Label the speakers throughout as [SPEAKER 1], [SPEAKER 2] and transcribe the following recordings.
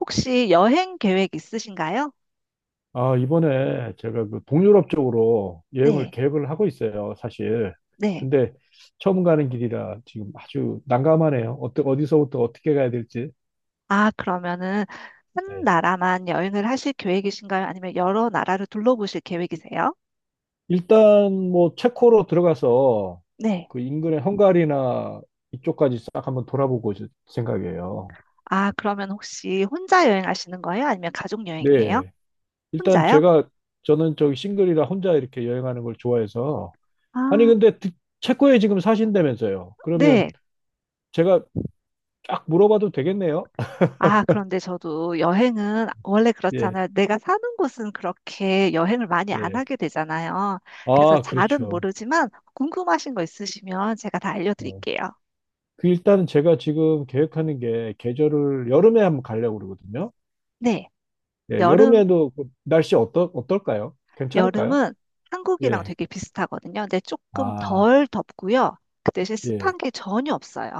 [SPEAKER 1] 혹시 여행 계획 있으신가요?
[SPEAKER 2] 아, 이번에 제가 그 동유럽 쪽으로 여행을
[SPEAKER 1] 네,
[SPEAKER 2] 계획을 하고 있어요, 사실.
[SPEAKER 1] 네.
[SPEAKER 2] 근데 처음 가는 길이라 지금 아주 난감하네요. 어떻 어디서부터 어떻게 가야 될지.
[SPEAKER 1] 아, 그러면은 한
[SPEAKER 2] 네.
[SPEAKER 1] 나라만 여행을 하실 계획이신가요? 아니면 여러 나라를 둘러보실 계획이세요?
[SPEAKER 2] 일단 뭐 체코로 들어가서
[SPEAKER 1] 네.
[SPEAKER 2] 그 인근의 헝가리나 이쪽까지 싹 한번 돌아보고 있을 생각이에요.
[SPEAKER 1] 아, 그러면 혹시 혼자 여행하시는 거예요? 아니면 가족 여행이에요?
[SPEAKER 2] 네. 일단
[SPEAKER 1] 혼자요?
[SPEAKER 2] 제가 저는 저기 싱글이라 혼자 이렇게 여행하는 걸 좋아해서 아니
[SPEAKER 1] 아,
[SPEAKER 2] 근데 체코에 지금 사신다면서요.
[SPEAKER 1] 네.
[SPEAKER 2] 그러면 제가 쫙 물어봐도 되겠네요.
[SPEAKER 1] 아, 그런데 저도 여행은 원래
[SPEAKER 2] 예.
[SPEAKER 1] 그렇잖아요. 내가 사는 곳은 그렇게 여행을 많이 안
[SPEAKER 2] 예.
[SPEAKER 1] 하게 되잖아요. 그래서
[SPEAKER 2] 아,
[SPEAKER 1] 잘은
[SPEAKER 2] 그렇죠.
[SPEAKER 1] 모르지만 궁금하신 거 있으시면 제가 다
[SPEAKER 2] 어.
[SPEAKER 1] 알려드릴게요.
[SPEAKER 2] 그 일단은 제가 지금 계획하는 게 계절을 여름에 한번 가려고 그러거든요.
[SPEAKER 1] 네.
[SPEAKER 2] 예,
[SPEAKER 1] 여름
[SPEAKER 2] 여름에도 그 날씨 어떨까요? 괜찮을까요?
[SPEAKER 1] 여름은 한국이랑
[SPEAKER 2] 예.
[SPEAKER 1] 되게 비슷하거든요. 근데 조금
[SPEAKER 2] 아,
[SPEAKER 1] 덜 덥고요. 그 대신
[SPEAKER 2] 예.
[SPEAKER 1] 습한 게 전혀 없어요.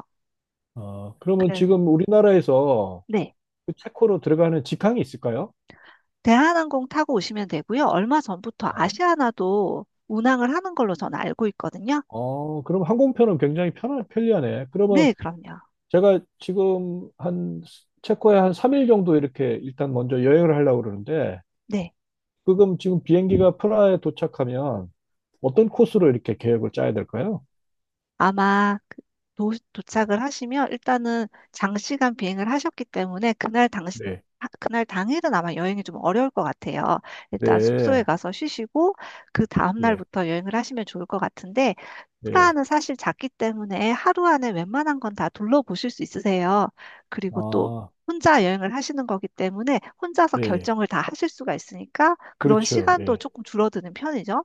[SPEAKER 2] 어, 그러면
[SPEAKER 1] 그래서
[SPEAKER 2] 지금 우리나라에서
[SPEAKER 1] 네.
[SPEAKER 2] 그 체코로 들어가는 직항이 있을까요?
[SPEAKER 1] 대한항공 타고 오시면 되고요. 얼마 전부터
[SPEAKER 2] 어,
[SPEAKER 1] 아시아나도 운항을 하는 걸로 저는 알고 있거든요.
[SPEAKER 2] 어, 그럼 항공편은 굉장히 편리하네. 그러면
[SPEAKER 1] 네, 그럼요.
[SPEAKER 2] 제가 지금 한 체코에 한 3일 정도 이렇게 일단 먼저 여행을 하려고 그러는데
[SPEAKER 1] 네.
[SPEAKER 2] 그럼 지금 비행기가 프라하에 도착하면 어떤 코스로 이렇게 계획을 짜야 될까요?
[SPEAKER 1] 아마 그 도착을 하시면 일단은 장시간 비행을 하셨기 때문에 그날 당시
[SPEAKER 2] 네,
[SPEAKER 1] 그날 당일은 아마 여행이 좀 어려울 것 같아요. 일단 숙소에
[SPEAKER 2] 네,
[SPEAKER 1] 가서 쉬시고 그 다음
[SPEAKER 2] 예,
[SPEAKER 1] 날부터 여행을 하시면 좋을 것 같은데
[SPEAKER 2] 네.
[SPEAKER 1] 프라하는 사실 작기 때문에 하루 안에 웬만한 건 다 둘러보실 수 있으세요. 그리고 또
[SPEAKER 2] 아,
[SPEAKER 1] 혼자 여행을 하시는 거기 때문에 혼자서
[SPEAKER 2] 네.
[SPEAKER 1] 결정을 다 하실 수가 있으니까 그런
[SPEAKER 2] 그렇죠.
[SPEAKER 1] 시간도
[SPEAKER 2] 예.
[SPEAKER 1] 조금 줄어드는 편이죠.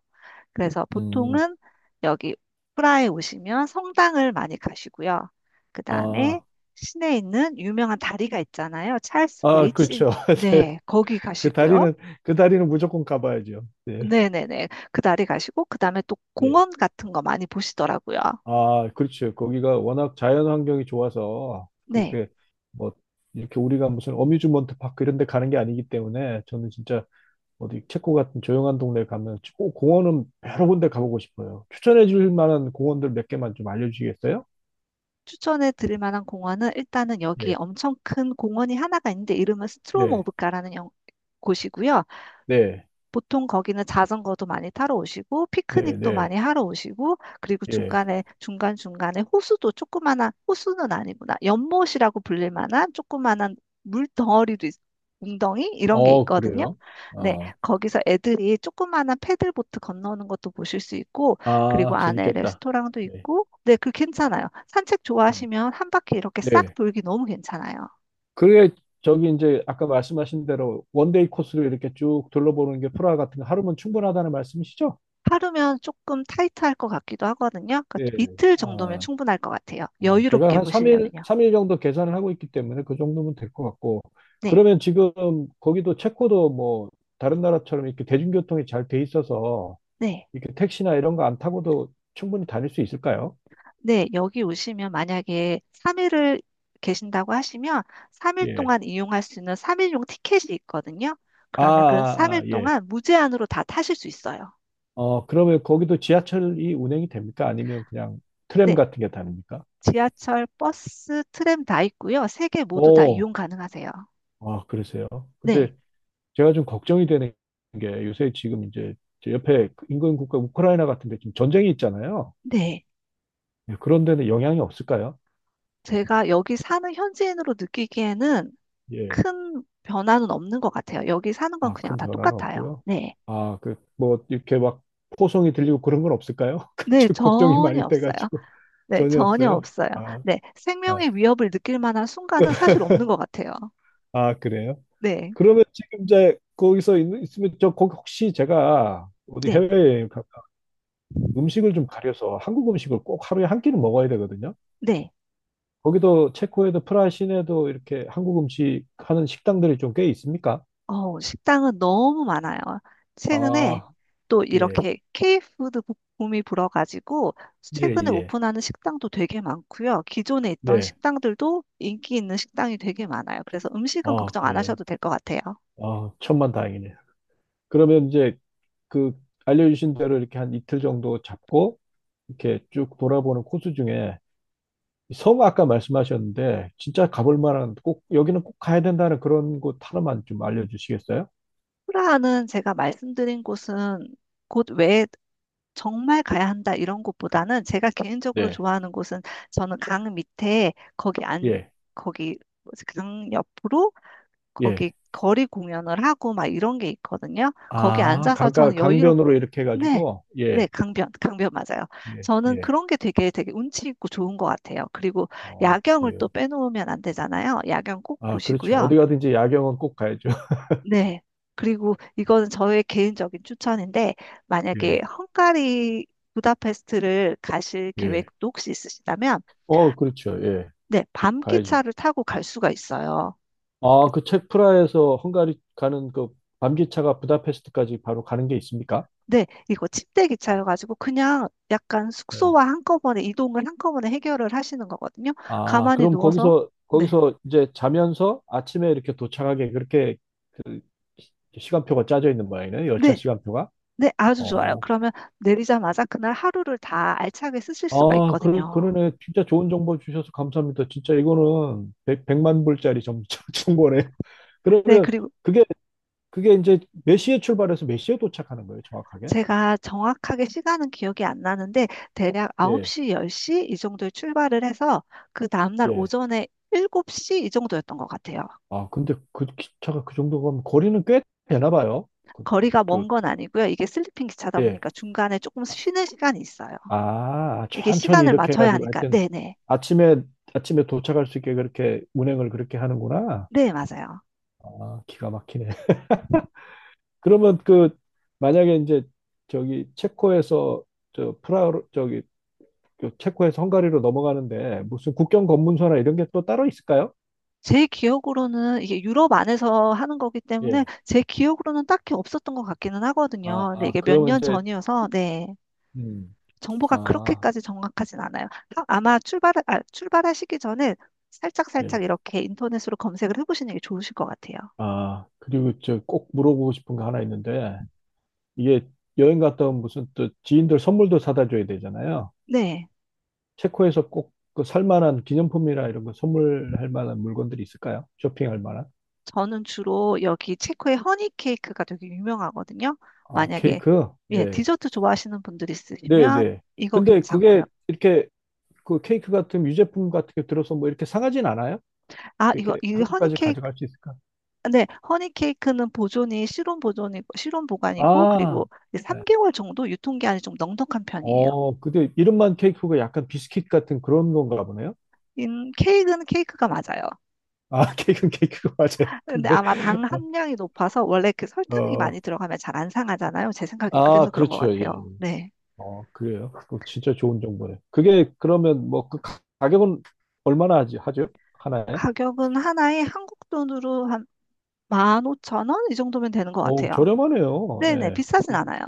[SPEAKER 1] 그래서
[SPEAKER 2] 음,
[SPEAKER 1] 보통은 여기 프라하에 오시면 성당을 많이 가시고요. 그 다음에
[SPEAKER 2] 아,
[SPEAKER 1] 시내에 있는 유명한 다리가 있잖아요. 찰스
[SPEAKER 2] 아,
[SPEAKER 1] 브릿지.
[SPEAKER 2] 그렇죠. 네.
[SPEAKER 1] 네, 거기
[SPEAKER 2] 그
[SPEAKER 1] 가시고요.
[SPEAKER 2] 다리는, 그 다리는 무조건 가봐야죠. 네,
[SPEAKER 1] 네네네. 그 다리 가시고, 그 다음에 또
[SPEAKER 2] 예.
[SPEAKER 1] 공원 같은 거 많이 보시더라고요.
[SPEAKER 2] 아, 그렇죠. 거기가 워낙 자연 환경이 좋아서,
[SPEAKER 1] 네.
[SPEAKER 2] 그게 뭐, 이렇게 우리가 무슨 어뮤즈먼트 파크 이런 데 가는 게 아니기 때문에 저는 진짜 어디 체코 같은 조용한 동네 가면 꼭 공원은 여러 군데 가보고 싶어요. 추천해 줄 만한 공원들 몇 개만 좀 알려주시겠어요?
[SPEAKER 1] 추천해 드릴 만한 공원은 일단은 여기
[SPEAKER 2] 예,
[SPEAKER 1] 엄청 큰 공원이 하나가 있는데 이름은
[SPEAKER 2] 네,
[SPEAKER 1] 스트로모브가라는 곳이고요.
[SPEAKER 2] 네,
[SPEAKER 1] 보통 거기는 자전거도 많이 타러 오시고,
[SPEAKER 2] 네,
[SPEAKER 1] 피크닉도 많이
[SPEAKER 2] 네,
[SPEAKER 1] 하러 오시고, 그리고
[SPEAKER 2] 예.
[SPEAKER 1] 중간중간에 호수도 조그마한, 호수는 아니구나. 연못이라고 불릴 만한 조그마한 물덩어리도, 웅덩이? 이런 게
[SPEAKER 2] 어,
[SPEAKER 1] 있거든요.
[SPEAKER 2] 그래요?
[SPEAKER 1] 네,
[SPEAKER 2] 어,
[SPEAKER 1] 거기서 애들이 조그마한 패들보트 건너오는 것도 보실 수 있고, 그리고
[SPEAKER 2] 아,
[SPEAKER 1] 안에
[SPEAKER 2] 재밌겠다.
[SPEAKER 1] 레스토랑도
[SPEAKER 2] 네,
[SPEAKER 1] 있고, 네, 그 괜찮아요. 산책
[SPEAKER 2] 음.
[SPEAKER 1] 좋아하시면 한 바퀴 이렇게 싹
[SPEAKER 2] 네.
[SPEAKER 1] 돌기 너무 괜찮아요.
[SPEAKER 2] 그게 저기 이제 아까 말씀하신 대로 원데이 코스로 이렇게 쭉 둘러보는 게 프라하 같은 거 하루면 충분하다는 말씀이시죠?
[SPEAKER 1] 하루면 조금 타이트할 것 같기도 하거든요. 그러니까
[SPEAKER 2] 네.
[SPEAKER 1] 이틀 정도면
[SPEAKER 2] 아,
[SPEAKER 1] 충분할 것 같아요.
[SPEAKER 2] 어, 제가
[SPEAKER 1] 여유롭게
[SPEAKER 2] 한
[SPEAKER 1] 보시려면요.
[SPEAKER 2] 삼일 정도 계산을 하고 있기 때문에 그 정도면 될 것 같고,
[SPEAKER 1] 네,
[SPEAKER 2] 그러면 지금 거기도 체코도 뭐 다른 나라처럼 이렇게 대중교통이 잘 돼 있어서
[SPEAKER 1] 네,
[SPEAKER 2] 이렇게 택시나 이런 거 안 타고도 충분히 다닐 수 있을까요?
[SPEAKER 1] 네. 여기 오시면 만약에 3일을 계신다고 하시면 3일
[SPEAKER 2] 예.
[SPEAKER 1] 동안 이용할 수 있는 3일용 티켓이 있거든요.
[SPEAKER 2] 아,
[SPEAKER 1] 그러면 그
[SPEAKER 2] 아,
[SPEAKER 1] 3일
[SPEAKER 2] 아, 예.
[SPEAKER 1] 동안 무제한으로 다 타실 수 있어요.
[SPEAKER 2] 어, 그러면 거기도 지하철이 운행이 됩니까? 아니면 그냥 트램
[SPEAKER 1] 네,
[SPEAKER 2] 같은 게 다닙니까?
[SPEAKER 1] 지하철, 버스, 트램 다 있고요. 세 개 모두 다
[SPEAKER 2] 오,
[SPEAKER 1] 이용 가능하세요.
[SPEAKER 2] 아, 그러세요.
[SPEAKER 1] 네,
[SPEAKER 2] 근데 제가 좀 걱정이 되는 게 요새 지금 이제 제 옆에 인근 국가 우크라이나 같은 데 지금 전쟁이 있잖아요.
[SPEAKER 1] 네.
[SPEAKER 2] 예, 그런 데는 영향이 없을까요?
[SPEAKER 1] 제가 여기 사는 현지인으로 느끼기에는
[SPEAKER 2] 예.
[SPEAKER 1] 큰 변화는 없는 것 같아요. 여기 사는 건
[SPEAKER 2] 아,
[SPEAKER 1] 그냥
[SPEAKER 2] 큰
[SPEAKER 1] 다
[SPEAKER 2] 변화는
[SPEAKER 1] 똑같아요.
[SPEAKER 2] 없고요.
[SPEAKER 1] 네.
[SPEAKER 2] 아, 그, 뭐, 이렇게 막 포송이 들리고 그런 건 없을까요?
[SPEAKER 1] 네,
[SPEAKER 2] 그 걱정이 많이
[SPEAKER 1] 전혀 없어요.
[SPEAKER 2] 돼가지고
[SPEAKER 1] 네,
[SPEAKER 2] 전혀
[SPEAKER 1] 전혀
[SPEAKER 2] 없어요.
[SPEAKER 1] 없어요.
[SPEAKER 2] 아,
[SPEAKER 1] 네,
[SPEAKER 2] 아,
[SPEAKER 1] 생명의 위협을 느낄 만한 순간은 사실 없는 것 같아요.
[SPEAKER 2] 아, 그래요?
[SPEAKER 1] 네,
[SPEAKER 2] 그러면 지금 이제 거기서 있으면 저 거기 혹시 제가 어디
[SPEAKER 1] 네,
[SPEAKER 2] 해외에 음식을 좀 가려서 한국 음식을 꼭 하루에 한 끼는 먹어야 되거든요.
[SPEAKER 1] 네.
[SPEAKER 2] 거기도 체코에도 프라하 시내도 이렇게 한국 음식 하는 식당들이 좀 꽤 있습니까?
[SPEAKER 1] 어, 식당은 너무 많아요. 최근에
[SPEAKER 2] 아,
[SPEAKER 1] 또
[SPEAKER 2] 예,
[SPEAKER 1] 이렇게 K푸드 붐이 불어가지고
[SPEAKER 2] 예,
[SPEAKER 1] 최근에
[SPEAKER 2] 예,
[SPEAKER 1] 오픈하는 식당도 되게 많고요. 기존에 있던
[SPEAKER 2] 네.
[SPEAKER 1] 식당들도 인기 있는 식당이 되게 많아요. 그래서 음식은
[SPEAKER 2] 아,
[SPEAKER 1] 걱정 안
[SPEAKER 2] 그래요.
[SPEAKER 1] 하셔도 될 것 같아요.
[SPEAKER 2] 아, 천만 다행이네. 그러면 이제 그 알려주신 대로 이렇게 한 이틀 정도 잡고 이렇게 쭉 돌아보는 코스 중에 섬 아까 말씀하셨는데 진짜 가볼 만한 꼭 여기는 꼭 가야 된다는 그런 곳 하나만 좀 알려주시겠어요?
[SPEAKER 1] 프라하는 제가 말씀드린 곳은 곳 외에 정말 가야 한다 이런 곳보다는 제가 개인적으로
[SPEAKER 2] 네.
[SPEAKER 1] 좋아하는 곳은 저는 강 밑에 거기 안
[SPEAKER 2] 예,
[SPEAKER 1] 거기 뭐지, 강 옆으로
[SPEAKER 2] 예.
[SPEAKER 1] 거기 거리 공연을 하고 막 이런 게 있거든요. 거기
[SPEAKER 2] 아,
[SPEAKER 1] 앉아서
[SPEAKER 2] 강가,
[SPEAKER 1] 저는 여유롭.
[SPEAKER 2] 강변으로 이렇게
[SPEAKER 1] 네.
[SPEAKER 2] 해가지고,
[SPEAKER 1] 네,
[SPEAKER 2] 예,
[SPEAKER 1] 강변, 강변 맞아요.
[SPEAKER 2] 예,
[SPEAKER 1] 저는
[SPEAKER 2] 예.
[SPEAKER 1] 그런 게 되게 되게 운치 있고 좋은 것 같아요. 그리고
[SPEAKER 2] 어,
[SPEAKER 1] 야경을
[SPEAKER 2] 그래요.
[SPEAKER 1] 또 빼놓으면 안 되잖아요. 야경 꼭
[SPEAKER 2] 아, 그렇죠.
[SPEAKER 1] 보시고요.
[SPEAKER 2] 어디 가든지 야경은 꼭 가야죠.
[SPEAKER 1] 네. 그리고 이거는 저의 개인적인 추천인데, 만약에
[SPEAKER 2] 예,
[SPEAKER 1] 헝가리 부다페스트를 가실
[SPEAKER 2] 예.
[SPEAKER 1] 계획도 혹시 있으시다면,
[SPEAKER 2] 어, 그렇죠. 예,
[SPEAKER 1] 네, 밤
[SPEAKER 2] 가야죠.
[SPEAKER 1] 기차를 타고 갈 수가 있어요.
[SPEAKER 2] 아, 그 책 프라에서 헝가리 가는 그 밤기차가 부다페스트까지 바로 가는 게 있습니까?
[SPEAKER 1] 네, 이거 침대
[SPEAKER 2] 아,
[SPEAKER 1] 기차여가지고 그냥 약간
[SPEAKER 2] 네.
[SPEAKER 1] 숙소와 한꺼번에 이동을 한꺼번에 해결을 하시는 거거든요.
[SPEAKER 2] 아,
[SPEAKER 1] 가만히
[SPEAKER 2] 그럼
[SPEAKER 1] 누워서,
[SPEAKER 2] 거기서
[SPEAKER 1] 네,
[SPEAKER 2] 이제 자면서 아침에 이렇게 도착하게 그렇게 시간표가 짜져 있는 모양이네. 열차
[SPEAKER 1] 네,
[SPEAKER 2] 시간표가.
[SPEAKER 1] 네, 아주 좋아요.
[SPEAKER 2] 어,
[SPEAKER 1] 그러면 내리자마자 그날 하루를 다 알차게 쓰실 수가
[SPEAKER 2] 아,
[SPEAKER 1] 있거든요.
[SPEAKER 2] 그러네. 진짜 좋은 정보 주셔서 감사합니다. 진짜 이거는 만 불짜리 정보네.
[SPEAKER 1] 네,
[SPEAKER 2] 그러면
[SPEAKER 1] 그리고
[SPEAKER 2] 그게, 그게 이제 몇 시에 출발해서 몇 시에 도착하는 거예요, 정확하게?
[SPEAKER 1] 제가 정확하게 시간은 기억이 안 나는데 대략
[SPEAKER 2] 예,
[SPEAKER 1] 9시, 10시 이 정도에 출발을 해서 그 다음날
[SPEAKER 2] 예.
[SPEAKER 1] 오전에 7시 이 정도였던 것 같아요.
[SPEAKER 2] 아, 근데 그 기차가 그 정도 가면 거리는 꽤 되나 봐요. 그,
[SPEAKER 1] 거리가
[SPEAKER 2] 또,
[SPEAKER 1] 먼 건 아니고요. 이게 슬리핑 기차다
[SPEAKER 2] 예.
[SPEAKER 1] 보니까 중간에 조금 쉬는 시간이 있어요.
[SPEAKER 2] 아,
[SPEAKER 1] 이게
[SPEAKER 2] 천천히
[SPEAKER 1] 시간을
[SPEAKER 2] 이렇게
[SPEAKER 1] 맞춰야
[SPEAKER 2] 해가지고
[SPEAKER 1] 하니까.
[SPEAKER 2] 하여튼
[SPEAKER 1] 네네.
[SPEAKER 2] 아침에, 아침에 도착할 수 있게 그렇게 운행을 그렇게 하는구나.
[SPEAKER 1] 네, 맞아요.
[SPEAKER 2] 아, 기가 막히네. 그러면 그, 만약에 이제 저기 체코에서 저 프라, 저기 그 체코에서 헝가리로 넘어가는데 무슨 국경 검문소나 이런 게 또 따로 있을까요?
[SPEAKER 1] 제 기억으로는 이게 유럽 안에서 하는 거기 때문에
[SPEAKER 2] 예.
[SPEAKER 1] 제 기억으로는 딱히 없었던 것 같기는 하거든요.
[SPEAKER 2] 아,
[SPEAKER 1] 근데
[SPEAKER 2] 아,
[SPEAKER 1] 이게 몇
[SPEAKER 2] 그러면
[SPEAKER 1] 년
[SPEAKER 2] 이제,
[SPEAKER 1] 전이어서 네.
[SPEAKER 2] 음,
[SPEAKER 1] 정보가
[SPEAKER 2] 아,
[SPEAKER 1] 그렇게까지 정확하진 않아요. 아마 출발하시기 전에 살짝살짝
[SPEAKER 2] 예.
[SPEAKER 1] 이렇게 인터넷으로 검색을 해보시는 게 좋으실 것 같아요.
[SPEAKER 2] 아, 그리고 저 꼭 물어보고 싶은 거 하나 있는데, 이게 여행 갔다 온 무슨 또 지인들 선물도 사다 줘야 되잖아요.
[SPEAKER 1] 네.
[SPEAKER 2] 체코에서 꼭 그 살 만한 기념품이나 이런 거 선물할 만한 물건들이 있을까요? 쇼핑할 만한?
[SPEAKER 1] 저는 주로 여기 체코의 허니 케이크가 되게 유명하거든요.
[SPEAKER 2] 아,
[SPEAKER 1] 만약에,
[SPEAKER 2] 케이크?
[SPEAKER 1] 예,
[SPEAKER 2] 예.
[SPEAKER 1] 디저트 좋아하시는 분들 있으시면
[SPEAKER 2] 네네.
[SPEAKER 1] 이거
[SPEAKER 2] 근데
[SPEAKER 1] 괜찮고요.
[SPEAKER 2] 그게 이렇게 그 케이크 같은 유제품 같은 게 들어서 뭐 이렇게 상하진 않아요?
[SPEAKER 1] 아,
[SPEAKER 2] 그렇게
[SPEAKER 1] 이 허니
[SPEAKER 2] 한국까지
[SPEAKER 1] 케이크,
[SPEAKER 2] 가져갈 수 있을까?
[SPEAKER 1] 네, 허니 케이크는 보존이, 실온 보관이고,
[SPEAKER 2] 아,
[SPEAKER 1] 그리고
[SPEAKER 2] 네.
[SPEAKER 1] 3개월 정도 유통기한이 좀 넉넉한 편이에요.
[SPEAKER 2] 어, 근데 이름만 케이크가 약간 비스킷 같은 그런 건가 보네요.
[SPEAKER 1] 케이크는 케이크가 맞아요.
[SPEAKER 2] 아, 케이크는 케이크가 맞아요.
[SPEAKER 1] 근데
[SPEAKER 2] 근데
[SPEAKER 1] 아마 당
[SPEAKER 2] 어,
[SPEAKER 1] 함량이 높아서 원래 그 설탕이 많이
[SPEAKER 2] 어,
[SPEAKER 1] 들어가면 잘 안 상하잖아요. 제 생각에 그래서
[SPEAKER 2] 아,
[SPEAKER 1] 그런 것
[SPEAKER 2] 그렇죠. 예. 예.
[SPEAKER 1] 같아요. 네.
[SPEAKER 2] 어, 그래요. 그거 진짜 좋은 정보네. 그게 그러면 뭐 그 가격은 얼마나 하죠? 하나에?
[SPEAKER 1] 가격은 하나에 한국 돈으로 한 15,000원? 이 정도면 되는 것
[SPEAKER 2] 어,
[SPEAKER 1] 같아요.
[SPEAKER 2] 저렴하네요.
[SPEAKER 1] 네네,
[SPEAKER 2] 예.
[SPEAKER 1] 비싸진
[SPEAKER 2] 그,
[SPEAKER 1] 않아요.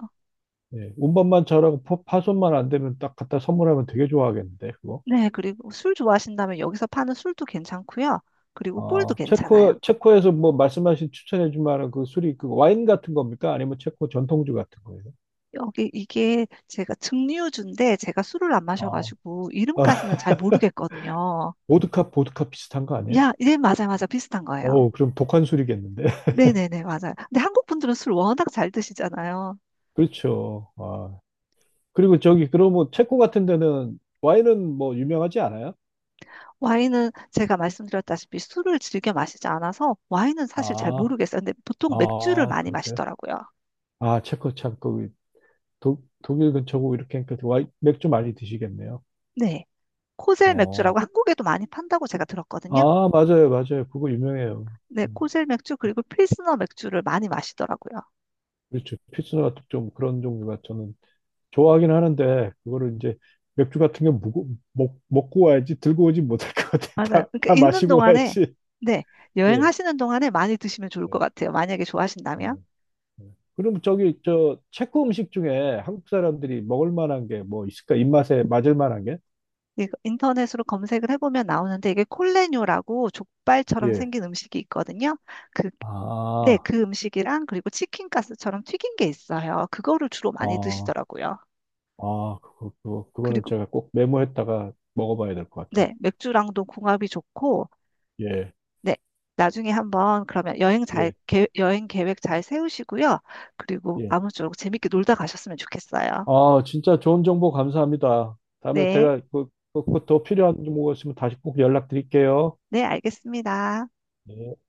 [SPEAKER 2] 예. 운반만 잘하고 파손만 안 되면 딱 갖다 선물하면 되게 좋아하겠는데, 그거.
[SPEAKER 1] 네, 그리고 술 좋아하신다면 여기서 파는 술도 괜찮고요. 그리고 꿀도
[SPEAKER 2] 아,
[SPEAKER 1] 괜찮아요.
[SPEAKER 2] 체코, 체코에서 뭐 말씀하신 추천해 줄 만한 그 술이 그 와인 같은 겁니까? 아니면 체코 전통주 같은 거예요?
[SPEAKER 1] 여기 이게 제가 증류주인데 제가 술을 안
[SPEAKER 2] 아,
[SPEAKER 1] 마셔가지고 이름까지는 잘 모르겠거든요.
[SPEAKER 2] 보드카 비슷한 거 아니에요?
[SPEAKER 1] 야, 네, 맞아, 맞아. 비슷한 거예요.
[SPEAKER 2] 어, 그럼 독한 술이겠는데.
[SPEAKER 1] 네네네, 맞아요. 근데 한국 분들은 술 워낙 잘 드시잖아요.
[SPEAKER 2] 그렇죠. 아, 그리고 저기 그러면 체코 같은 데는 와인은 뭐 유명하지 않아요?
[SPEAKER 1] 와인은 제가 말씀드렸다시피 술을 즐겨 마시지 않아서 와인은 사실 잘
[SPEAKER 2] 아,
[SPEAKER 1] 모르겠어요. 근데 보통 맥주를
[SPEAKER 2] 아,
[SPEAKER 1] 많이
[SPEAKER 2] 그러세요?
[SPEAKER 1] 마시더라고요.
[SPEAKER 2] 아, 체코 참 거기 독일 근처고 이렇게 하니까 와인 맥주 많이 드시겠네요.
[SPEAKER 1] 네. 코젤
[SPEAKER 2] 어.
[SPEAKER 1] 맥주라고 한국에도 많이 판다고 제가 들었거든요.
[SPEAKER 2] 아, 맞아요, 맞아요. 그거 유명해요.
[SPEAKER 1] 네,
[SPEAKER 2] 음,
[SPEAKER 1] 코젤 맥주 그리고 필스너 맥주를 많이 마시더라고요.
[SPEAKER 2] 그렇죠. pilsner 같은 좀 그런 종류가 저는 좋아하긴 하는데 그거를 이제 맥주 같은 게 먹고 와야지 들고 오지 못할 것 같아요.
[SPEAKER 1] 맞아요. 그러니까
[SPEAKER 2] 다
[SPEAKER 1] 있는
[SPEAKER 2] 마시고
[SPEAKER 1] 동안에
[SPEAKER 2] 와야지.
[SPEAKER 1] 네,
[SPEAKER 2] 네.
[SPEAKER 1] 여행하시는 동안에 많이 드시면 좋을 것 같아요. 만약에
[SPEAKER 2] 네.
[SPEAKER 1] 좋아하신다면.
[SPEAKER 2] 그럼 저기 저 체코 음식 중에 한국 사람들이 먹을 만한 게 뭐 있을까? 입맛에 맞을 만한 게?
[SPEAKER 1] 이거 인터넷으로 검색을 해보면 나오는데 이게 콜레뇨라고 족발처럼
[SPEAKER 2] 예.
[SPEAKER 1] 생긴 음식이 있거든요. 그게 네,
[SPEAKER 2] 아,
[SPEAKER 1] 그 음식이랑 그리고 치킨 가스처럼 튀긴 게 있어요. 그거를 주로 많이
[SPEAKER 2] 아,
[SPEAKER 1] 드시더라고요.
[SPEAKER 2] 아, 그거는
[SPEAKER 1] 그리고
[SPEAKER 2] 제가 꼭 메모했다가 먹어봐야 될 것 같아요.
[SPEAKER 1] 네, 맥주랑도 궁합이 좋고
[SPEAKER 2] 예,
[SPEAKER 1] 네, 나중에 한번 그러면 여행 잘
[SPEAKER 2] 예,
[SPEAKER 1] 여행 계획 잘 세우시고요. 그리고
[SPEAKER 2] 예.
[SPEAKER 1] 아무쪼록 재밌게 놀다 가셨으면 좋겠어요.
[SPEAKER 2] 아, 진짜 좋은 정보 감사합니다. 다음에
[SPEAKER 1] 네,
[SPEAKER 2] 제가 그 더 필요한 정보가 있으면 다시 꼭 연락드릴게요.
[SPEAKER 1] 네, 알겠습니다.
[SPEAKER 2] 네.